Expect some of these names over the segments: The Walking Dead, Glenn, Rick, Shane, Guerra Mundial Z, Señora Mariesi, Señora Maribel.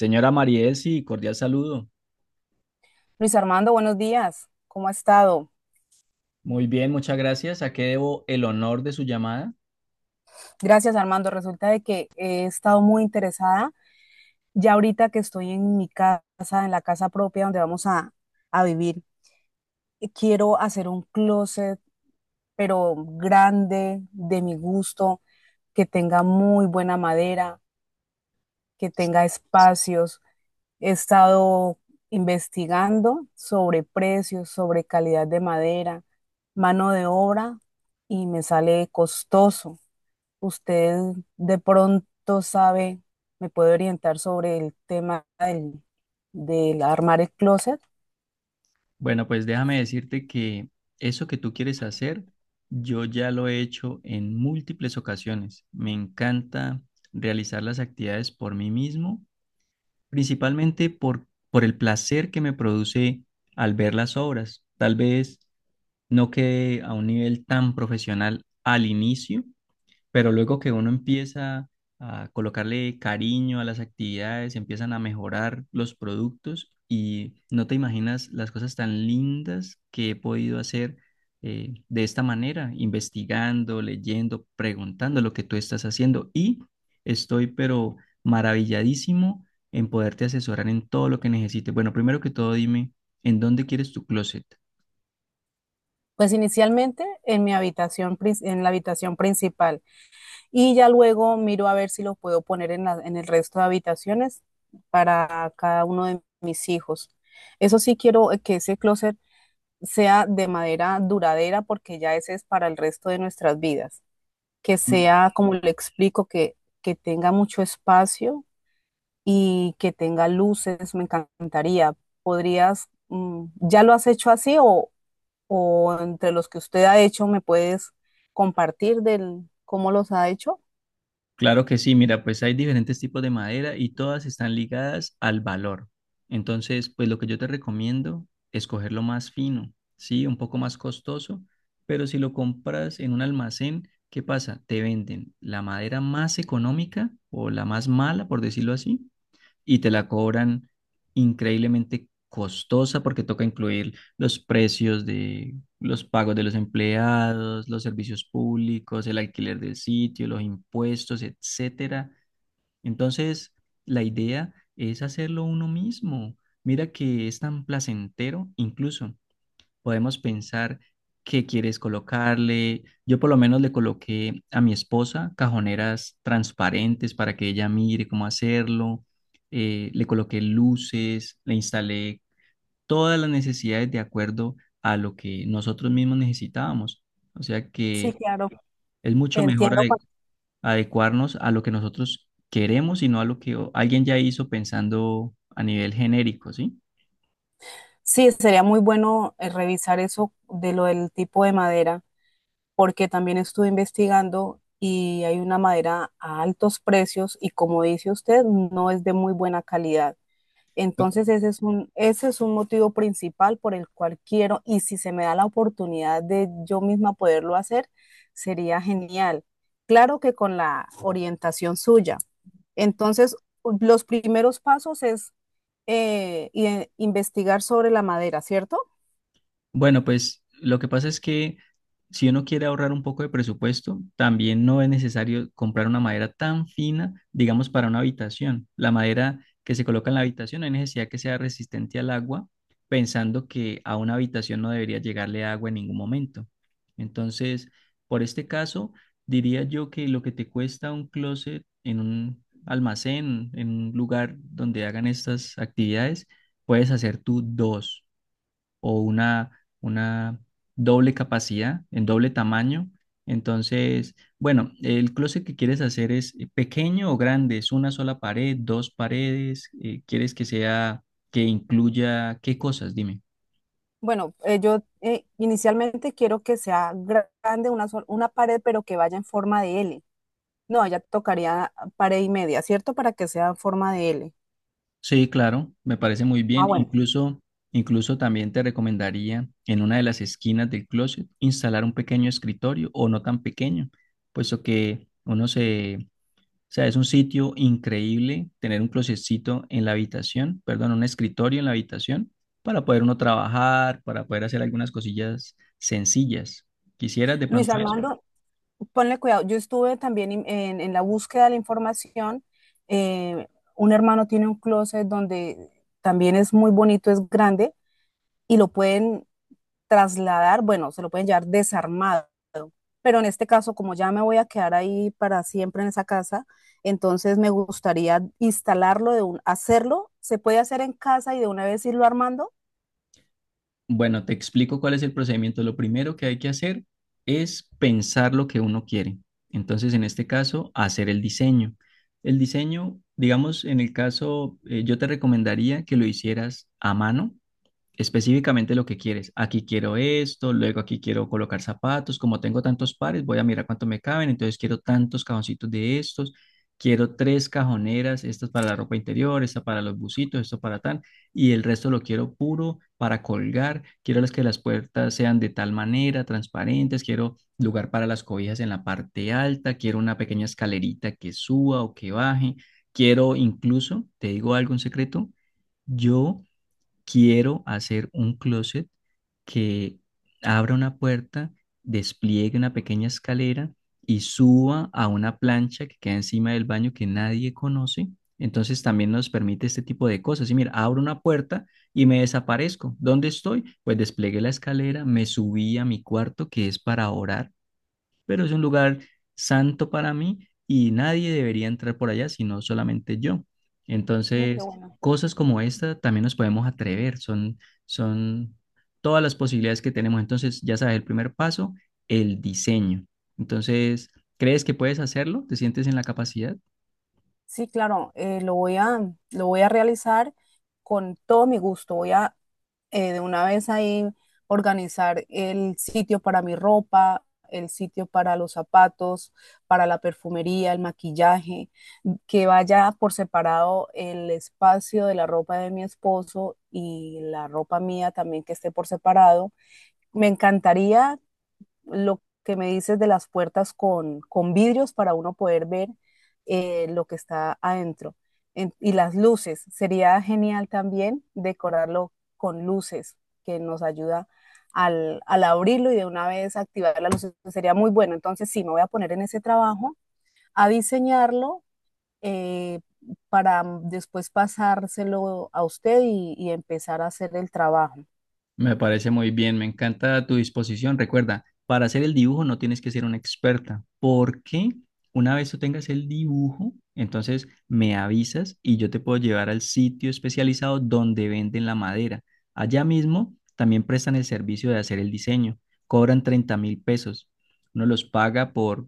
Señora Mariesi, cordial saludo. Luis Armando, buenos días. ¿Cómo ha estado? Muy bien, muchas gracias. ¿A qué debo el honor de su llamada? Gracias, Armando. Resulta de que he estado muy interesada ya ahorita que estoy en mi casa, en la casa propia donde vamos a vivir. Y quiero hacer un closet, pero grande, de mi gusto, que tenga muy buena madera, que tenga espacios. He estado investigando sobre precios, sobre calidad de madera, mano de obra, y me sale costoso. ¿Usted de pronto sabe, me puede orientar sobre el tema del, del armar el closet? Bueno, pues déjame decirte que eso que tú quieres hacer, yo ya lo he hecho en múltiples ocasiones. Me encanta realizar las actividades por mí mismo, principalmente por el placer que me produce al ver las obras. Tal vez no quede a un nivel tan profesional al inicio, pero luego que uno empieza a colocarle cariño a las actividades, empiezan a mejorar los productos y no te imaginas las cosas tan lindas que he podido hacer de esta manera, investigando, leyendo, preguntando lo que tú estás haciendo y estoy pero maravilladísimo en poderte asesorar en todo lo que necesites. Bueno, primero que todo, dime, ¿en dónde quieres tu closet? Pues inicialmente en mi habitación, en la habitación principal y ya luego miro a ver si lo puedo poner en en el resto de habitaciones para cada uno de mis hijos. Eso sí quiero que ese closet sea de madera duradera porque ya ese es para el resto de nuestras vidas. Que sea, como le explico, que tenga mucho espacio y que tenga luces, me encantaría. ¿Podrías, ya lo has hecho así o entre los que usted ha hecho me puedes compartir del cómo los ha hecho? Claro que sí, mira, pues hay diferentes tipos de madera y todas están ligadas al valor. Entonces, pues lo que yo te recomiendo es coger lo más fino, sí, un poco más costoso, pero si lo compras en un almacén, ¿qué pasa? Te venden la madera más económica o la más mala, por decirlo así, y te la cobran increíblemente costosa porque toca incluir los precios de los pagos de los empleados, los servicios públicos, el alquiler del sitio, los impuestos, etcétera. Entonces, la idea es hacerlo uno mismo. Mira que es tan placentero, incluso podemos pensar qué quieres colocarle. Yo por lo menos le coloqué a mi esposa cajoneras transparentes para que ella mire cómo hacerlo. Le coloqué luces, le instalé todas las necesidades de acuerdo a lo que nosotros mismos necesitábamos. O sea Sí, que claro. es mucho mejor Entiendo. Adecuarnos a lo que nosotros queremos y no a lo que alguien ya hizo pensando a nivel genérico, ¿sí? Sí, sería muy bueno revisar eso de lo del tipo de madera, porque también estuve investigando y hay una madera a altos precios y como dice usted, no es de muy buena calidad. Entonces ese es un motivo principal por el cual quiero, y si se me da la oportunidad de yo misma poderlo hacer, sería genial. Claro que con la orientación suya. Entonces, los primeros pasos es investigar sobre la madera, ¿cierto? Bueno, pues lo que pasa es que si uno quiere ahorrar un poco de presupuesto, también no es necesario comprar una madera tan fina, digamos, para una habitación. La madera que se coloca en la habitación, no hay necesidad que sea resistente al agua, pensando que a una habitación no debería llegarle agua en ningún momento. Entonces, por este caso, diría yo que lo que te cuesta un closet en un almacén, en un lugar donde hagan estas actividades, puedes hacer tú dos o una una doble capacidad, en doble tamaño. Entonces, bueno, el closet que quieres hacer es pequeño o grande, es una sola pared, dos paredes, quieres que sea, que incluya, ¿qué cosas? Dime. Bueno, yo inicialmente quiero que sea grande una pared, pero que vaya en forma de L. No, ya tocaría pared y media, ¿cierto? Para que sea en forma de L. Sí, claro, me parece muy Ah, bien. bueno. Incluso también te recomendaría en una de las esquinas del closet instalar un pequeño escritorio o no tan pequeño, puesto que uno se, o sea, es un sitio increíble tener un closetcito en la habitación, perdón, un escritorio en la habitación para poder uno trabajar, para poder hacer algunas cosillas sencillas. ¿Quisieras de Luis pronto eso? Armando, ponle cuidado. Yo estuve también en la búsqueda de la información. Eh, un hermano tiene un closet donde también es muy bonito, es grande y lo pueden trasladar, bueno, se lo pueden llevar desarmado. Pero en este caso, como ya me voy a quedar ahí para siempre en esa casa, entonces me gustaría instalarlo, hacerlo. Se puede hacer en casa y de una vez irlo armando. Bueno, te explico cuál es el procedimiento. Lo primero que hay que hacer es pensar lo que uno quiere. Entonces, en este caso, hacer el diseño. El diseño, digamos, en el caso, yo te recomendaría que lo hicieras a mano específicamente lo que quieres. Aquí quiero esto, luego aquí quiero colocar zapatos. Como tengo tantos pares, voy a mirar cuánto me caben. Entonces quiero tantos cajoncitos de estos. Quiero tres cajoneras, estas para la ropa interior, esta para los bucitos, esto para tal, y el resto lo quiero puro para colgar. Quiero las que las puertas sean de tal manera, transparentes. Quiero lugar para las cobijas en la parte alta. Quiero una pequeña escalerita que suba o que baje. Quiero incluso, te digo algo, un secreto, yo quiero hacer un closet que abra una puerta, despliegue una pequeña escalera y suba a una plancha que queda encima del baño que nadie conoce. Entonces también nos permite este tipo de cosas. Y mira, abro una puerta y me desaparezco. ¿Dónde estoy? Pues desplegué la escalera, me subí a mi cuarto que es para orar pero es un lugar santo para mí y nadie debería entrar por allá, sino solamente yo. Mm, qué Entonces, bueno. cosas como esta también nos podemos atrever, son todas las posibilidades que tenemos. Entonces, ya sabes, el primer paso, el diseño. Entonces, ¿crees que puedes hacerlo? ¿Te sientes en la capacidad? Sí, claro, lo voy a realizar con todo mi gusto. Voy a de una vez ahí organizar el sitio para mi ropa, el sitio para los zapatos, para la perfumería, el maquillaje, que vaya por separado el espacio de la ropa de mi esposo y la ropa mía también que esté por separado. Me encantaría lo que me dices de las puertas con vidrios para uno poder ver lo que está adentro. Y las luces, sería genial también decorarlo con luces, que nos ayuda al abrirlo y de una vez activar las luces, pues, sería muy bueno. Entonces sí, me voy a poner en ese trabajo a diseñarlo eh, para después pasárselo a usted y empezar a hacer el trabajo. Me parece muy bien, me encanta tu disposición. Recuerda, para hacer el dibujo no tienes que ser una experta, porque una vez tú tengas el dibujo, entonces me avisas y yo te puedo llevar al sitio especializado donde venden la madera. Allá mismo también prestan el servicio de hacer el diseño. Cobran $30.000. Uno los paga por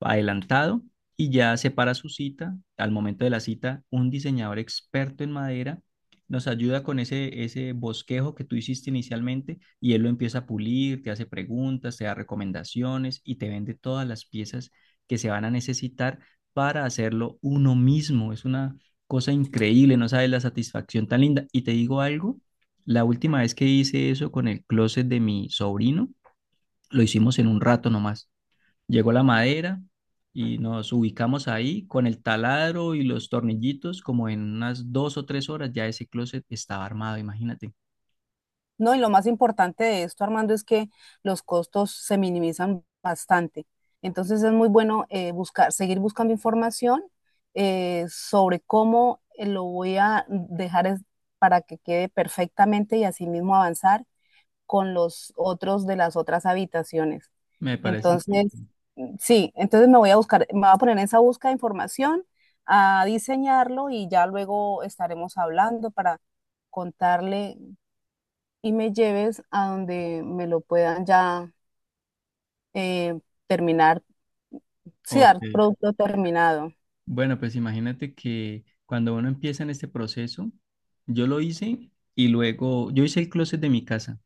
adelantado y ya separa su cita. Al momento de la cita, un diseñador experto en madera nos ayuda con ese bosquejo que tú hiciste inicialmente y él lo empieza a pulir, te hace preguntas, te da recomendaciones y te vende todas las piezas que se van a necesitar para hacerlo uno mismo. Es una cosa increíble, no sabes la satisfacción tan linda. Y te digo algo, la última vez que hice eso con el closet de mi sobrino, lo hicimos en un rato nomás. Llegó la madera y nos ubicamos ahí con el taladro y los tornillitos, como en unas 2 o 3 horas ya ese closet estaba armado, imagínate. No, y lo más importante de esto, Armando, es que los costos se minimizan bastante. Entonces es muy bueno buscar, seguir buscando información sobre cómo lo voy a dejar para que quede perfectamente y asimismo avanzar con los otros de las otras habitaciones. Me parece muy bien. Entonces, sí, entonces me voy a buscar, me voy a poner en esa búsqueda de información, a diseñarlo y ya luego estaremos hablando para contarle y me lleves a donde me lo puedan ya eh, terminar, sí, Ok. dar producto terminado. Bueno, pues imagínate que cuando uno empieza en este proceso, yo lo hice y luego, yo hice el closet de mi casa.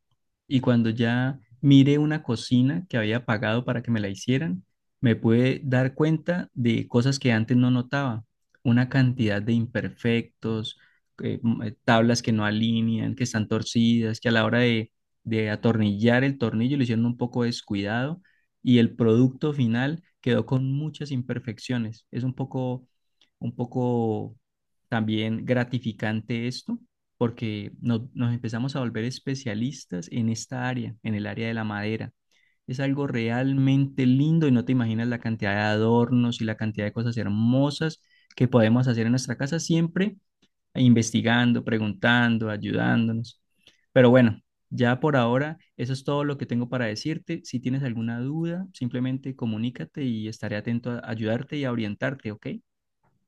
Y cuando ya miré una cocina que había pagado para que me la hicieran, me pude dar cuenta de cosas que antes no notaba. Una cantidad de imperfectos, tablas que no alinean, que están torcidas, que a la hora de atornillar el tornillo lo hicieron un poco descuidado y el producto final quedó con muchas imperfecciones. Es un poco también gratificante esto porque nos empezamos a volver especialistas en esta área, en el área de la madera. Es algo realmente lindo y no te imaginas la cantidad de adornos y la cantidad de cosas hermosas que podemos hacer en nuestra casa siempre investigando, preguntando, ayudándonos. Pero bueno, ya por ahora, eso es todo lo que tengo para decirte. Si tienes alguna duda, simplemente comunícate y estaré atento a ayudarte y a orientarte, ¿ok?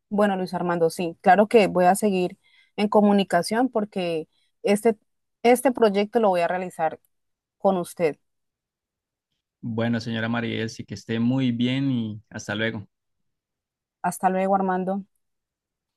Bueno, Luis Armando, sí, claro que voy a seguir en comunicación porque este, este proyecto lo voy a realizar con usted. Bueno, señora Maribel, sí que esté muy bien y hasta luego. Hasta luego, Armando.